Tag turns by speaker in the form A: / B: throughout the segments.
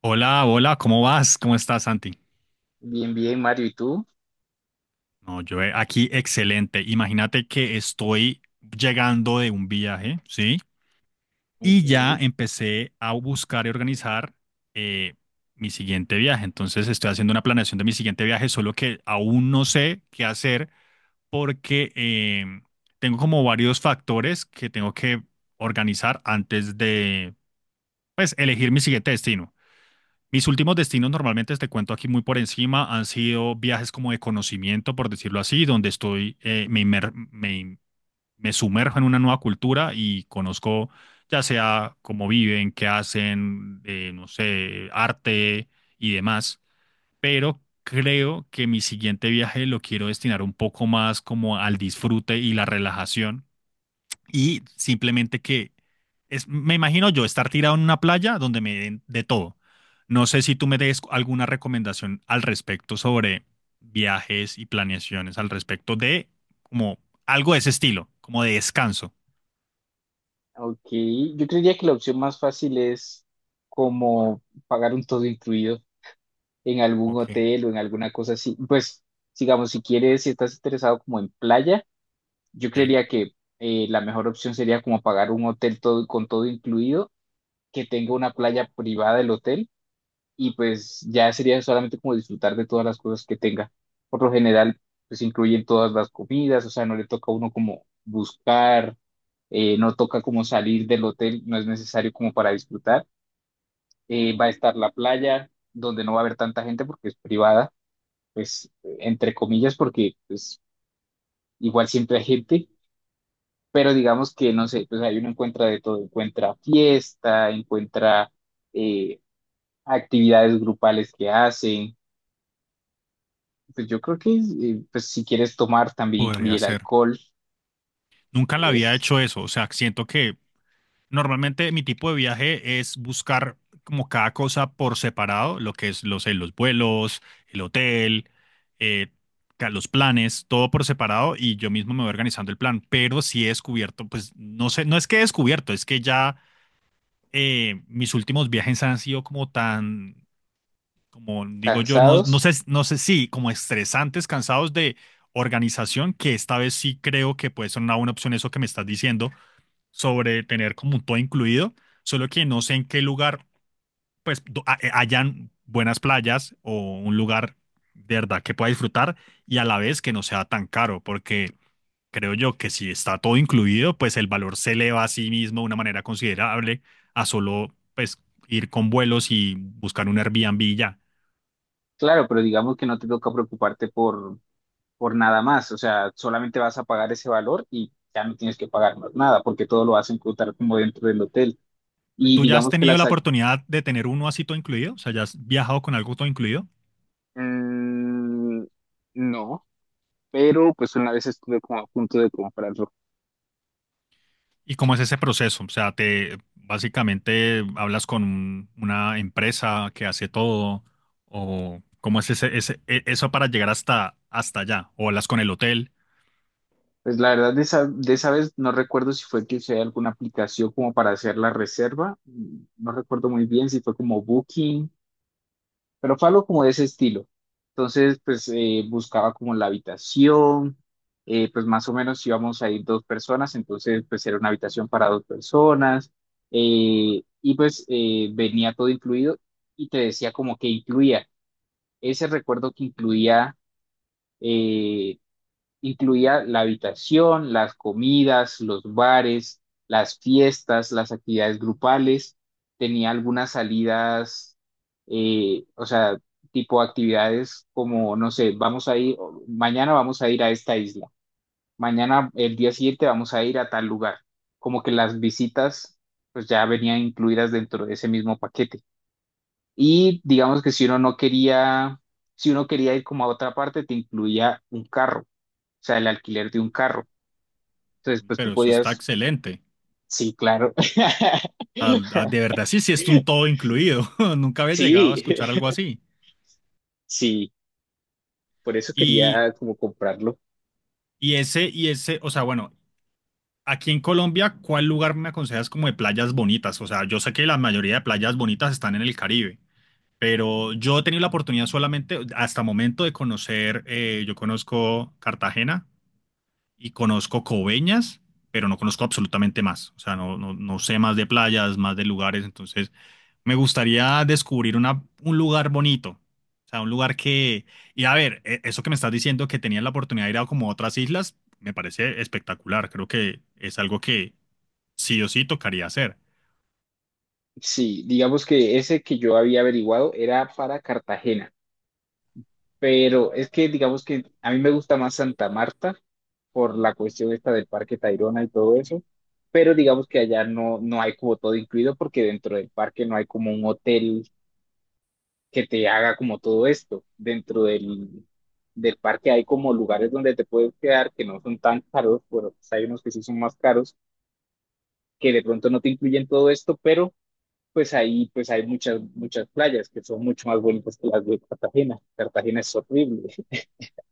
A: Hola, hola, ¿cómo vas? ¿Cómo estás, Santi?
B: Bien, bien, Mario, ¿y tú?
A: No, yo aquí excelente. Imagínate que estoy llegando de un viaje, ¿sí?
B: Ok,
A: Y ya empecé a buscar y organizar eh, mi siguiente viaje. Entonces estoy haciendo una planeación de mi siguiente viaje, solo que aún no sé qué hacer porque tengo como varios factores que tengo que organizar antes de, pues, elegir mi siguiente destino. Mis últimos destinos, normalmente te cuento aquí muy por encima, han sido viajes como de conocimiento, por decirlo así, donde estoy, me, inmer- me, in- me sumerjo en una nueva cultura y conozco ya sea cómo viven, qué hacen, no sé, arte y demás. Pero creo que mi siguiente viaje lo quiero destinar un poco más como al disfrute y la relajación y simplemente me imagino yo estar tirado en una playa donde me den de todo. No sé si tú me des alguna recomendación al respecto sobre viajes y planeaciones al respecto de como algo de ese estilo, como de descanso.
B: ok. Yo creería que la opción más fácil es como pagar un todo incluido en algún
A: Ok,
B: hotel o en alguna cosa así. Pues, digamos, si quieres, si estás interesado como en playa, yo
A: ¿sí?
B: creería que la mejor opción sería como pagar un hotel todo, con todo incluido, que tenga una playa privada del hotel. Y pues ya sería solamente como disfrutar de todas las cosas que tenga. Por lo general, pues incluyen todas las comidas, o sea, no le toca a uno como buscar, no toca como salir del hotel, no es necesario como para disfrutar. Va a estar la playa, donde no va a haber tanta gente porque es privada, pues entre comillas, porque pues igual siempre hay gente, pero digamos que no sé, pues ahí uno encuentra de todo, encuentra fiesta, encuentra... eh, actividades grupales que hacen. Pues yo creo que pues si quieres tomar también incluye
A: Podría
B: el
A: ser.
B: alcohol.
A: Nunca la había
B: Es
A: hecho eso, o sea, siento que normalmente mi tipo de viaje es buscar como cada cosa por separado, lo que es los vuelos, el hotel, eh, los planes, todo por separado y yo mismo me voy organizando el plan. Pero si he descubierto, pues no sé, no es que he descubierto, es que ya mis últimos viajes han sido como tan, como digo yo, no, no
B: cansados,
A: sé, no sé si como estresantes, cansados de organización, que esta vez sí creo que puede ser una buena opción eso que me estás diciendo sobre tener como todo incluido, solo que no sé en qué lugar, pues, hayan buenas playas o un lugar de verdad que pueda disfrutar y a la vez que no sea tan caro, porque creo yo que si está todo incluido, pues el valor se eleva a sí mismo de una manera considerable a solo, pues, ir con vuelos y buscar un Airbnb y ya.
B: claro, pero digamos que no te toca preocuparte por nada más. O sea, solamente vas a pagar ese valor y ya no tienes que pagar más nada porque todo lo vas a encontrar como dentro del hotel. Y
A: ¿Tú ya has
B: digamos que
A: tenido la oportunidad de tener uno así todo incluido? O sea, ¿ya has viajado con algo todo incluido?
B: mm, no, pero pues una vez estuve como a punto de comprarlo.
A: ¿Y cómo es ese proceso? O sea, te básicamente hablas con una empresa que hace todo, o cómo es eso para llegar hasta, hasta allá, o hablas con el hotel.
B: Pues la verdad de esa vez no recuerdo si fue que usé alguna aplicación como para hacer la reserva. No recuerdo muy bien si fue como Booking, pero fue algo como de ese estilo. Entonces, pues buscaba como la habitación, pues más o menos íbamos a ir dos personas, entonces pues era una habitación para dos personas, venía todo incluido y te decía como que incluía ese recuerdo que eh, incluía la habitación, las comidas, los bares, las fiestas, las actividades grupales. Tenía algunas salidas, o sea, tipo actividades como, no sé, vamos a ir, mañana vamos a ir a esta isla, mañana el día siguiente vamos a ir a tal lugar. Como que las visitas pues ya venían incluidas dentro de ese mismo paquete. Y digamos que si uno no quería, si uno quería ir como a otra parte, te incluía un carro, o sea, el alquiler de un carro. Entonces,
A: Uy,
B: pues tú
A: pero eso está
B: podías,
A: excelente.
B: sí, claro.
A: Ah, ah, de verdad, sí, sí, es un todo incluido. Nunca había llegado a
B: Sí,
A: escuchar algo así.
B: sí, por eso
A: Y,
B: quería como comprarlo.
A: o sea, bueno, aquí en Colombia, ¿cuál lugar me aconsejas como de playas bonitas? O sea, yo sé que la mayoría de playas bonitas están en el Caribe. Pero yo he tenido la oportunidad solamente hasta momento de yo conozco Cartagena y conozco Coveñas, pero no conozco absolutamente más. O sea, no, no, no sé más de playas, más de lugares. Entonces, me gustaría descubrir una, un lugar bonito. O sea, un lugar que... Y a ver, eso que me estás diciendo, que tenías la oportunidad de ir a como otras islas, me parece espectacular. Creo que es algo que sí o sí tocaría hacer.
B: Sí, digamos que ese que yo había averiguado era para Cartagena, pero es que digamos que a mí me gusta más Santa Marta por la cuestión esta del Parque Tayrona y todo eso, pero digamos que allá no, no hay como todo incluido porque dentro del parque no hay como un hotel que te haga como todo esto. Dentro del, del parque hay como lugares donde te puedes quedar que no son tan caros, pero pues hay unos que sí son más caros, que de pronto no te incluyen todo esto, pero pues ahí pues hay muchas, muchas playas que son mucho más bonitas que las de Cartagena. Cartagena es horrible.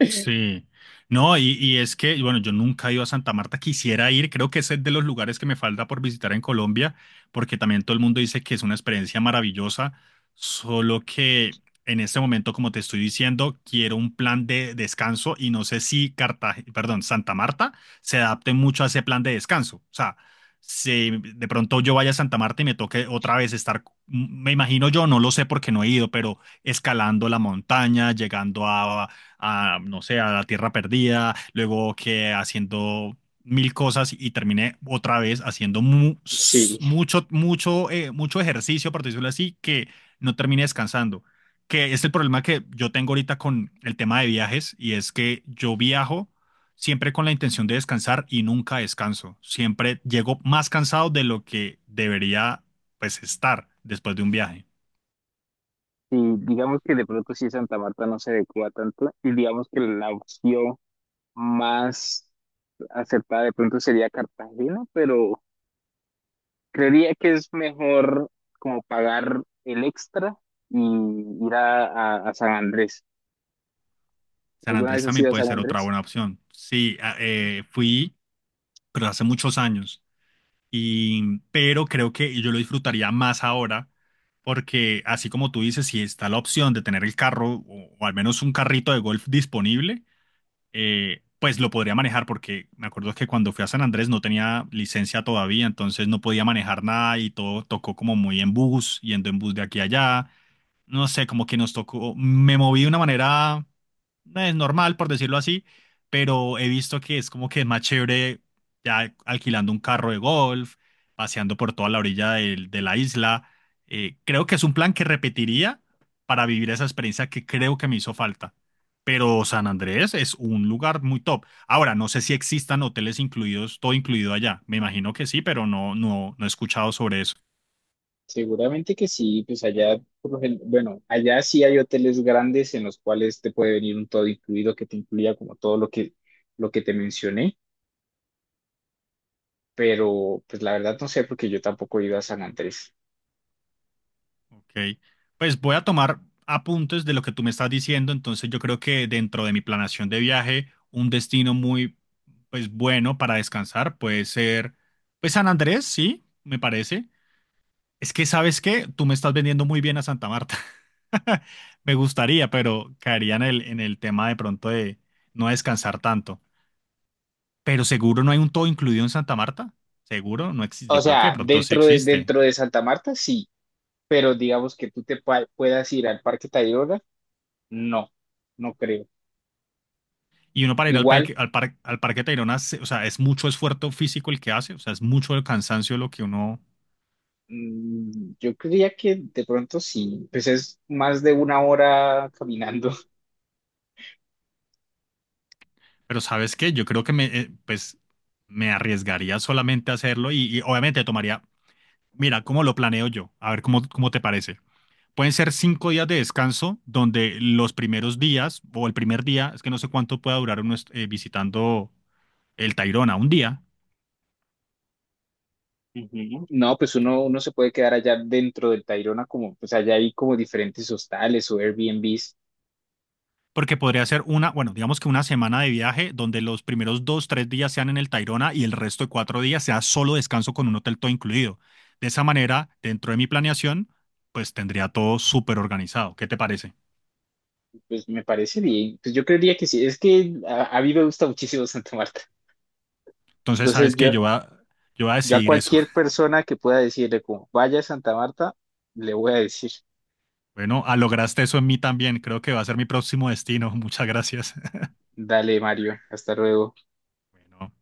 A: Sí, no, y es que, bueno, yo nunca he ido a Santa Marta, quisiera ir, creo que ese es de los lugares que me falta por visitar en Colombia, porque también todo el mundo dice que es una experiencia maravillosa, solo que en este momento, como te estoy diciendo, quiero un plan de descanso y no sé si Cartagena, perdón, Santa Marta se adapte mucho a ese plan de descanso. O sea, si de pronto yo vaya a Santa Marta y me toque otra vez estar, me imagino yo, no lo sé porque no he ido, pero escalando la montaña, llegando a, no sé, a la Tierra Perdida, luego que haciendo mil cosas y terminé otra vez haciendo
B: Sí,
A: mucho, mucho, mucho ejercicio, por decirlo así, que no terminé descansando. Que es el problema que yo tengo ahorita con el tema de viajes y es que yo viajo siempre con la intención de descansar y nunca descanso. Siempre llego más cansado de lo que debería, pues, estar después de un viaje.
B: y digamos que de pronto sí Santa Marta no se adecua tanto y digamos que la opción más acertada de pronto sería Cartagena, pero creería que es mejor como pagar el extra y ir a San Andrés.
A: San
B: ¿Alguna
A: Andrés
B: vez has
A: también
B: ido a
A: puede
B: San
A: ser otra
B: Andrés?
A: buena opción. Sí, fui pero hace muchos años. Y, pero creo que yo lo disfrutaría más ahora, porque así como tú dices, si está la opción de tener el carro o al menos un carrito de golf disponible, pues lo podría manejar, porque me acuerdo que cuando fui a San Andrés no tenía licencia todavía, entonces no podía manejar nada y todo tocó como muy en bus, yendo en bus de aquí a allá no sé, como que nos tocó, me moví de una manera normal, por decirlo así, pero he visto que es como que es más chévere ya alquilando un carro de golf, paseando por toda la orilla de, la isla. Creo que es un plan que repetiría para vivir esa experiencia que creo que me hizo falta. Pero San Andrés es un lugar muy top. Ahora, no sé si existan hoteles incluidos, todo incluido allá. Me imagino que sí, pero no, no, no he escuchado sobre eso.
B: Seguramente que sí, pues allá, por lo gen- bueno, allá sí hay hoteles grandes en los cuales te puede venir un todo incluido que te incluya como todo lo que te mencioné, pero pues la verdad no sé porque yo tampoco he ido a San Andrés.
A: Ok, pues voy a tomar apuntes de lo que tú me estás diciendo, entonces yo creo que dentro de mi planación de viaje, un destino muy, pues bueno para descansar puede ser, pues San Andrés, sí, me parece. Es que, ¿sabes qué? Tú me estás vendiendo muy bien a Santa Marta. Me gustaría, pero caería en el, tema de pronto de no descansar tanto. Pero seguro no hay un todo incluido en Santa Marta. Seguro no existe.
B: O
A: Yo creo que de
B: sea,
A: pronto sí existe.
B: dentro de Santa Marta sí, pero digamos que tú te puedas ir al Parque Tayrona, no, no creo.
A: Y uno para ir
B: Igual
A: al Parque Tayrona, se- o sea, es mucho esfuerzo físico el que hace, o sea, es mucho el cansancio lo que uno...
B: Yo creía que de pronto sí, pues es más de una hora caminando.
A: Pero ¿sabes qué? Yo creo que pues, me arriesgaría solamente a hacerlo y obviamente tomaría, mira, cómo lo planeo yo, a ver cómo, cómo te parece. Pueden ser 5 días de descanso donde los primeros días o el primer día, es que no sé cuánto pueda durar uno visitando el Tayrona, un día,
B: Ujú. No, pues uno, uno se puede quedar allá dentro del Tayrona, como pues allá hay como diferentes hostales o Airbnbs,
A: porque podría ser una, bueno, digamos que una semana de viaje donde los primeros 2, 3 días sean en el Tayrona y el resto de 4 días sea solo descanso con un hotel todo incluido. De esa manera, dentro de mi planeación, pues tendría todo súper organizado. ¿Qué te parece?
B: pues me parece bien. Pues yo creería que sí, es que a mí me gusta muchísimo Santa Marta.
A: Entonces,
B: Entonces
A: sabes que
B: yo,
A: yo voy a
B: yo a
A: decidir eso.
B: cualquier persona que pueda decirle como vaya a Santa Marta, le voy a decir,
A: Bueno, ah, lograste eso en mí también. Creo que va a ser mi próximo destino. Muchas gracias.
B: dale Mario, hasta luego.
A: Bueno,